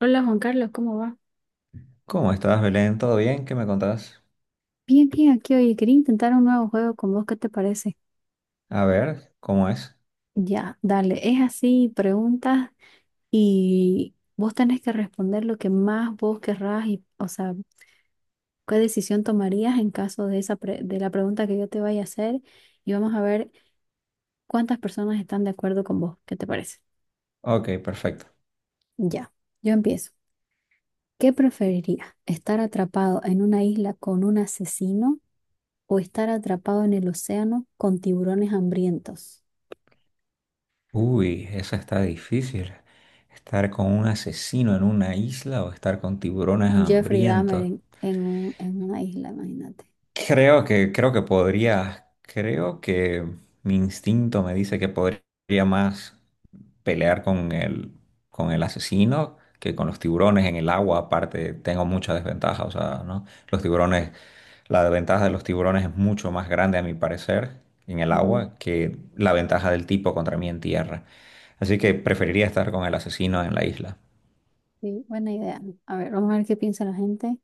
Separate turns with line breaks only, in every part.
Hola Juan Carlos, ¿cómo va?
¿Cómo estás, Belén? ¿Todo bien? ¿Qué me contás?
Bien, bien, aquí oye, quería intentar un nuevo juego con vos, ¿qué te parece?
A ver, ¿cómo es?
Ya, dale, es así, preguntas y vos tenés que responder lo que más vos querrás y, o sea, qué decisión tomarías en caso de de la pregunta que yo te vaya a hacer y vamos a ver cuántas personas están de acuerdo con vos, ¿qué te parece?
Ok, perfecto.
Ya, yo empiezo. ¿Qué preferirías? ¿Estar atrapado en una isla con un asesino o estar atrapado en el océano con tiburones hambrientos?
Uy, eso está difícil. Estar con un asesino en una isla o estar con tiburones
Un Jeffrey Dahmer
hambrientos.
en una isla, imagínate.
Creo que podría, creo que mi instinto me dice que podría más pelear con el asesino que con los tiburones en el agua. Aparte, tengo mucha desventaja, o sea, ¿no? Los tiburones. La ventaja de los tiburones es mucho más grande, a mi parecer, en el
Ujú.
agua que la ventaja del tipo contra mí en tierra. Así que preferiría estar con el asesino en la isla.
Sí, buena idea. A ver, vamos a ver qué piensa la gente.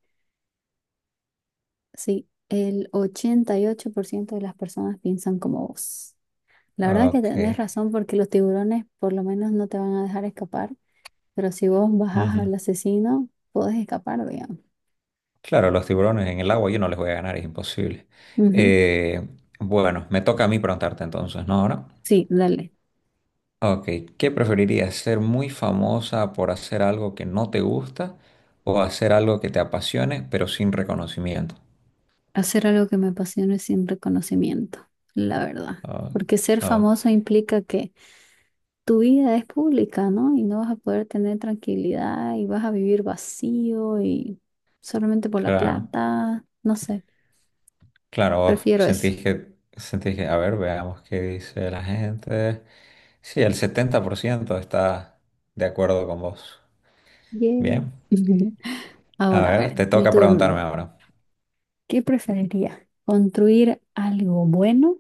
Sí, el 88% de las personas piensan como vos. La verdad que
Ok.
tenés razón porque los tiburones por lo menos no te van a dejar escapar, pero si vos bajás
Ujú.
al asesino, podés escapar, digamos.
Claro, los tiburones en el agua yo no les voy a ganar, es imposible.
Ujú.
Eh, bueno, me toca a mí preguntarte entonces, ¿no? Ahora.
Sí, dale.
Ok, ¿qué preferirías? ¿Ser muy famosa por hacer algo que no te gusta o hacer algo que te apasione pero sin reconocimiento?
Hacer algo que me apasione sin reconocimiento, la verdad.
Ah,
Porque ser
ah,
famoso implica que tu vida es pública, ¿no? Y no vas a poder tener tranquilidad y vas a vivir vacío y solamente por la
claro.
plata, no sé,
Claro, vos
prefiero eso.
sentís que, a ver, veamos qué dice la gente. Sí, el 70% está de acuerdo con vos.
Yay.
Bien,
Ujú.
a
Ahora, a
ver,
ver,
te
mi
toca
turno.
preguntarme ahora.
¿Qué preferiría? ¿Construir algo bueno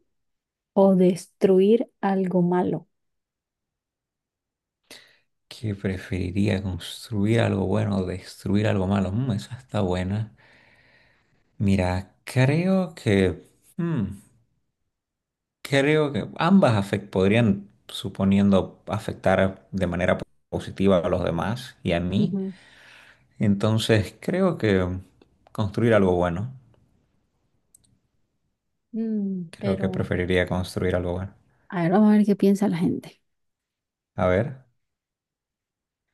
o destruir algo malo?
¿Qué preferiría construir algo bueno o destruir algo malo? Mm, esa está buena. Mira, creo que, mm, creo que ambas podrían, suponiendo, afectar de manera positiva a los demás y a mí.
Ujú.
Entonces, creo que construir algo bueno.
Mm,
Creo que
pero,
preferiría construir algo bueno.
a ver, vamos a ver qué piensa la gente.
A ver,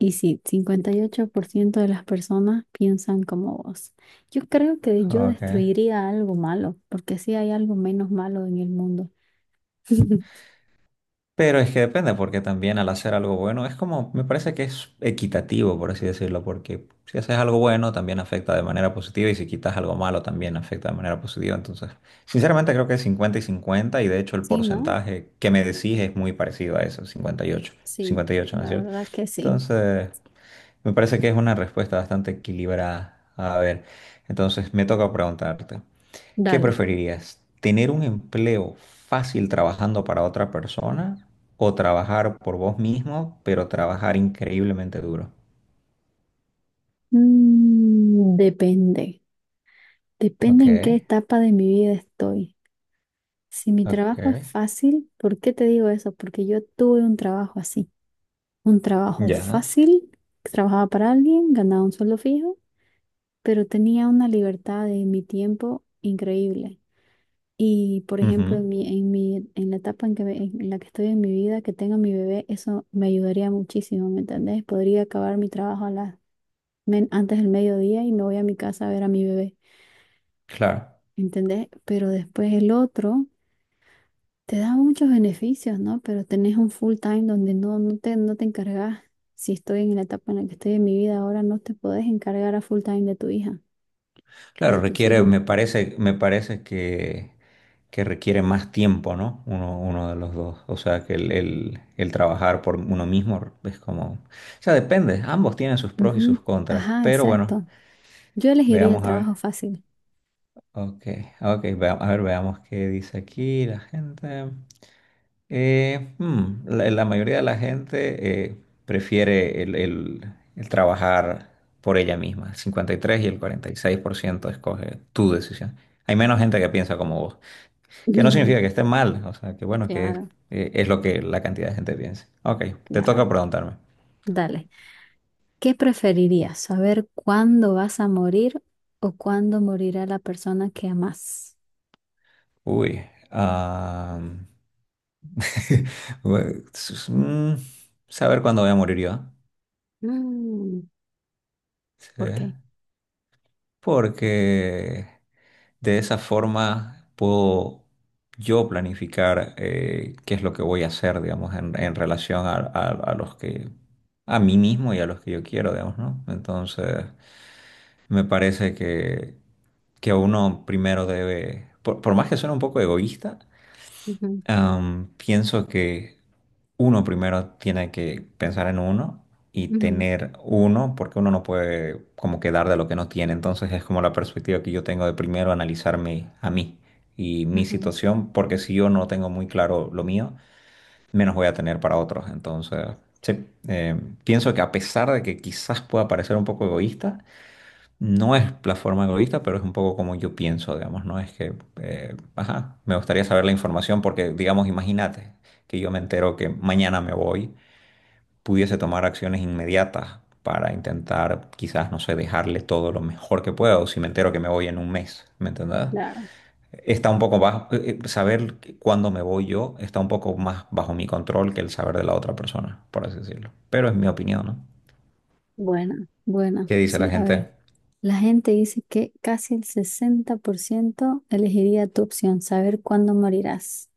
Y sí, 58% de las personas piensan como vos. Yo creo que yo
ok.
destruiría algo malo, porque sí hay algo menos malo en el mundo.
Pero es que depende, porque también al hacer algo bueno es como, me parece que es equitativo, por así decirlo, porque si haces algo bueno también afecta de manera positiva y si quitas algo malo también afecta de manera positiva. Entonces, sinceramente creo que es 50 y 50 y de hecho el
Sí, ¿no?
porcentaje que me decís es muy parecido a eso, 58,
Sí,
58, ¿no es
la
cierto?
verdad que sí.
Entonces, me parece que es una respuesta bastante equilibrada. A ver, entonces me toca preguntarte. ¿Qué
Dale.
preferirías? ¿Tener un empleo fácil trabajando para otra persona o trabajar por vos mismo, pero trabajar increíblemente duro?
Depende. Depende
Ok,
en qué etapa de mi vida estoy. Si mi
ok,
trabajo es fácil, ¿por qué te digo eso? Porque yo tuve un trabajo así. Un trabajo
ya.
fácil, trabajaba para alguien, ganaba un sueldo fijo pero tenía una libertad de mi tiempo increíble. Y por ejemplo,
Ujú.
en la etapa en la que estoy en mi vida, que tenga mi bebé, eso me ayudaría muchísimo, ¿me entendés? Podría acabar mi trabajo antes del mediodía y me voy a mi casa a ver a mi bebé,
Claro,
¿entendés? Pero después el otro te da muchos beneficios, ¿no? Pero tenés un full time donde no te encargas. Si estoy en la etapa en la que estoy en mi vida ahora, no te podés encargar a full time de tu hija o
claro,
de tus
requiere,
hijos.
me parece que requiere más tiempo, ¿no? Uno, uno de los dos. O sea, que el trabajar por uno mismo es como... O sea, depende, ambos tienen sus pros y sus
Ujú.
contras,
Ajá,
pero bueno,
exacto. Yo elegiría el
veamos a ver.
trabajo fácil.
Ok, ok, a ver, veamos qué dice aquí la gente. La mayoría de la gente prefiere el trabajar por ella misma. El 53% y el 46% escoge tu decisión. Hay menos gente que piensa como vos, que no significa que esté mal, o sea, que bueno, que
Claro,
es lo que la cantidad de gente piensa. Ok, te
claro.
toca preguntarme.
Dale. ¿Qué preferirías? ¿Saber cuándo vas a morir o cuándo morirá la persona que amas?
Uy, ah, bueno, saber cuándo voy a morir yo.
Mm,
Sí.
¿por qué?
Porque de esa forma puedo yo planificar qué es lo que voy a hacer, digamos, en relación a los que, a mí mismo y a los que yo quiero, digamos, ¿no? Entonces, me parece que uno primero debe, por más que suene un poco egoísta,
Ujú,
pienso que uno primero tiene que pensar en uno y
ujú,
tener uno, porque uno no puede como quedar de lo que no tiene. Entonces es como la perspectiva que yo tengo de primero analizarme a mí y mi
ujú,
situación, porque si yo no tengo muy claro lo mío, menos voy a tener para otros. Entonces, sí, pienso que a pesar de que quizás pueda parecer un poco egoísta, no es la forma egoísta, pero es un poco como yo pienso, digamos, ¿no? Es que, ajá, me gustaría saber la información porque, digamos, imagínate que yo me entero que mañana me voy, pudiese tomar acciones inmediatas para intentar quizás, no sé, dejarle todo lo mejor que pueda o si me entero que me voy en un mes, ¿me entendés?
claro.
Está un poco bajo, saber cuándo me voy yo está un poco más bajo mi control que el saber de la otra persona, por así decirlo. Pero es mi opinión, ¿no?
Buena, buena.
¿Qué dice la
Sí, a ver.
gente?
La gente dice que casi el 60% elegiría tu opción, saber cuándo morirás.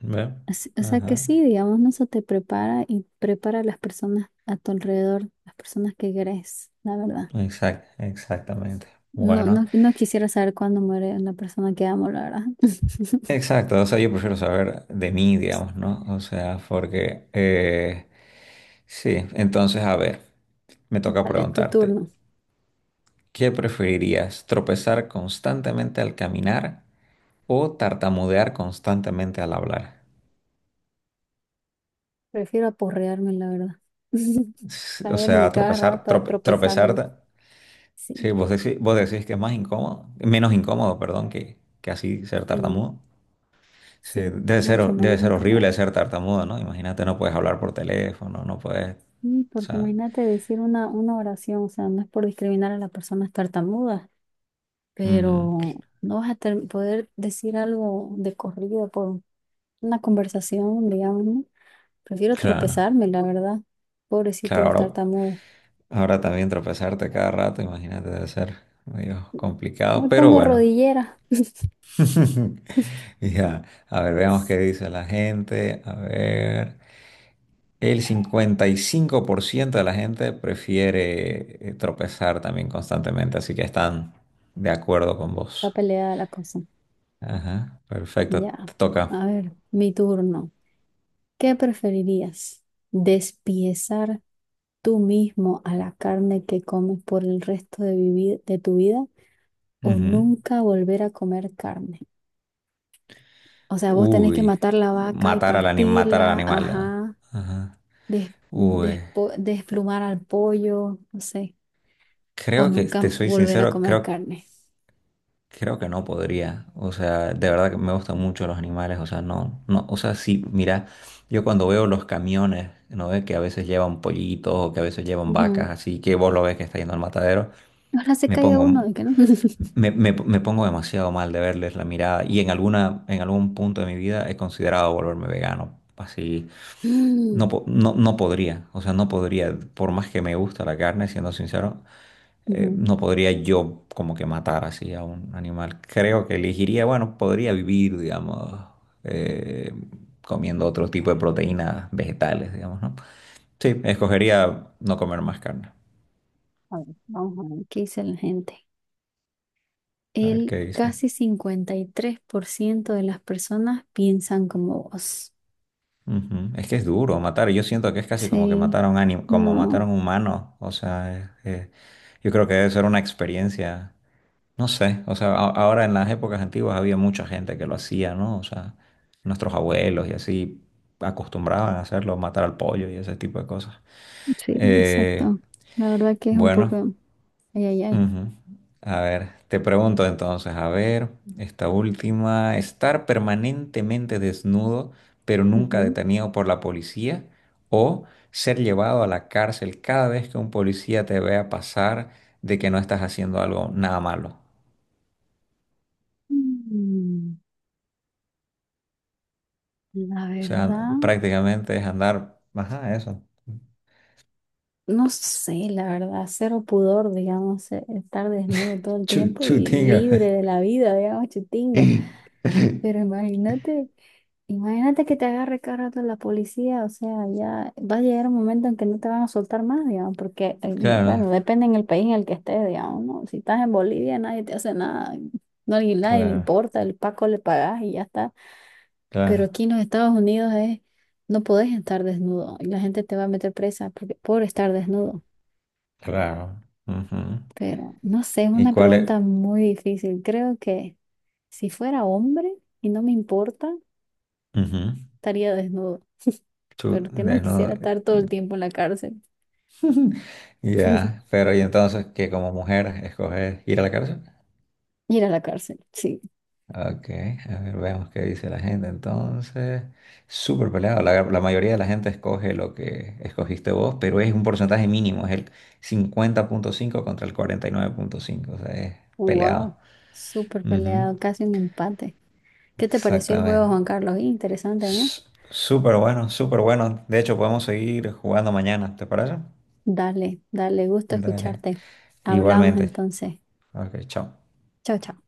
¿Ve?
Así- O sea que
Ajá.
sí, digamos, ¿no? Eso te prepara y prepara a las personas a tu alrededor, las personas que querés, la verdad.
Exactamente.
No,
Bueno.
no, no quisiera saber cuándo muere la persona que amo, la verdad.
Exacto, o sea, yo prefiero saber de mí, digamos, ¿no? O sea, porque, sí, entonces, a ver, me toca
Vale, tu
preguntarte,
turno.
¿qué preferirías, tropezar constantemente al caminar o tartamudear constantemente al hablar?
Prefiero aporrearme, la verdad.
O
Caerme
sea,
cada rato, tropezarme.
tropezarte, sí,
Sí,
vos decís que es más incómodo, menos incómodo, perdón, que así ser
sí,
tartamudo. Sí,
sí,
debe ser,
mucho
debe
menos
ser
incómodo.
horrible ser tartamudo, ¿no? Imagínate, no puedes hablar por teléfono, no puedes... O
Porque
sea,
imagínate decir una oración, o sea, no es por discriminar a las personas tartamudas,
ujú.
pero no vas a poder decir algo de corrido por una conversación, digamos, ¿no? Prefiero
Claro,
tropezarme, la verdad. Pobrecito
claro,
los
ahora,
tartamudos.
ahora también tropezarte cada rato, imagínate, debe ser medio
Me
complicado, pero
pongo
bueno.
rodillera.
Ya, a ver, veamos qué dice la gente. A ver, el 55% de la gente prefiere tropezar también constantemente, así que están de acuerdo con
Está
vos.
peleada la cosa.
Ajá, perfecto,
Ya.
te toca.
A ver, mi turno. ¿Qué preferirías? ¿Despiezar tú mismo a la carne que comes por el resto de tu vida o
Ujú.
nunca volver a comer carne? O sea, vos tenés que
Uy,
matar la vaca y
matar al animal, matar al
partirla,
animal. Ah.
ajá,
Ajá. Uy.
desplumar al pollo, no sé, o
Creo que,
nunca
te soy
volver a
sincero,
comer
creo,
carne.
creo que no podría. O sea, de verdad que me gustan mucho los animales. O sea, no, no, o sea, sí, mira, yo cuando veo los camiones, ¿no ves? Que a veces llevan pollitos o que a veces llevan
Ujú.
vacas, así que vos lo ves que está yendo al matadero,
Ahora se
me
cae
pongo,
uno de que no.
me pongo demasiado mal de verles la mirada. Y en en algún punto de mi vida he considerado volverme vegano. Así, no,
Mm,
no podría. O sea, no podría. Por más que me gusta la carne, siendo sincero,
ujú.
no podría yo como que matar así a un animal. Creo que elegiría, bueno, podría vivir, digamos, eh, comiendo otro tipo de proteínas vegetales, digamos, ¿no? Sí, escogería no comer más carne.
A ver, vamos a ver qué dice la gente.
A ver
El
qué dice.
casi 53% de las personas piensan como vos.
Ujú. Es que es duro matar. Yo siento que es casi como que
Sí,
mataron a un como
no,
mataron humanos. O sea, yo creo que debe ser una experiencia. No sé, o sea, ahora en las épocas antiguas había mucha gente que lo hacía, ¿no? O sea, nuestros abuelos y así acostumbraban a hacerlo, matar al pollo y ese tipo de cosas.
sí,
Eh,
exacto. La verdad que es un
bueno,
poco... Ay, ay, ay.
ujú. A ver, te pregunto entonces, a ver, esta última, estar permanentemente desnudo, pero nunca
Ujú.
detenido por la policía, o ser llevado a la cárcel cada vez que un policía te vea pasar de que no estás haciendo algo nada malo.
Mm, La
O sea,
verdad,
prácticamente es andar, ajá, eso,
no sé, la verdad, cero pudor, digamos, estar desnudo todo el tiempo y
chutinga.
libre de la vida, digamos, chutingo. Pero imagínate, imagínate que te agarre cada rato la policía, o sea, ya va a llegar un momento en que no te van a soltar más, digamos, porque,
Claro,
bueno, depende en el país en el que estés, digamos, ¿no? Si estás en Bolivia, nadie te hace nada, no a nadie le
claro,
importa, el Paco le pagas y ya está. Pero
claro,
aquí en los Estados Unidos es, no podés estar desnudo y la gente te va a meter presa porque, por estar desnudo.
claro. Ujú.
Pero no sé, es
¿Y
una
cuál es?
pregunta muy difícil. Creo que si fuera hombre y no me importa,
Ujú,
estaría desnudo. Pero que no quisiera
desnudo.
estar todo el tiempo en la cárcel.
Ya, pero y entonces que como mujer escoges ir a la cárcel?
Ir a la cárcel, sí.
Ok, a ver, veamos qué dice la gente entonces. Súper peleado. La mayoría de la gente escoge lo que escogiste vos, pero es un porcentaje mínimo, es el 50,5% contra el 49,5%, o sea, es
Wow,
peleado.
súper
Ujú,
peleado, casi un empate. ¿Qué te pareció el juego,
exactamente.
Juan Carlos? Interesante, ¿no?
S- Súper bueno, súper bueno. De hecho, podemos seguir jugando mañana, ¿te parece?
Dale, dale, gusto
Dale.
escucharte. Hablamos
Igualmente.
entonces.
Ok, chao.
Chao, chao.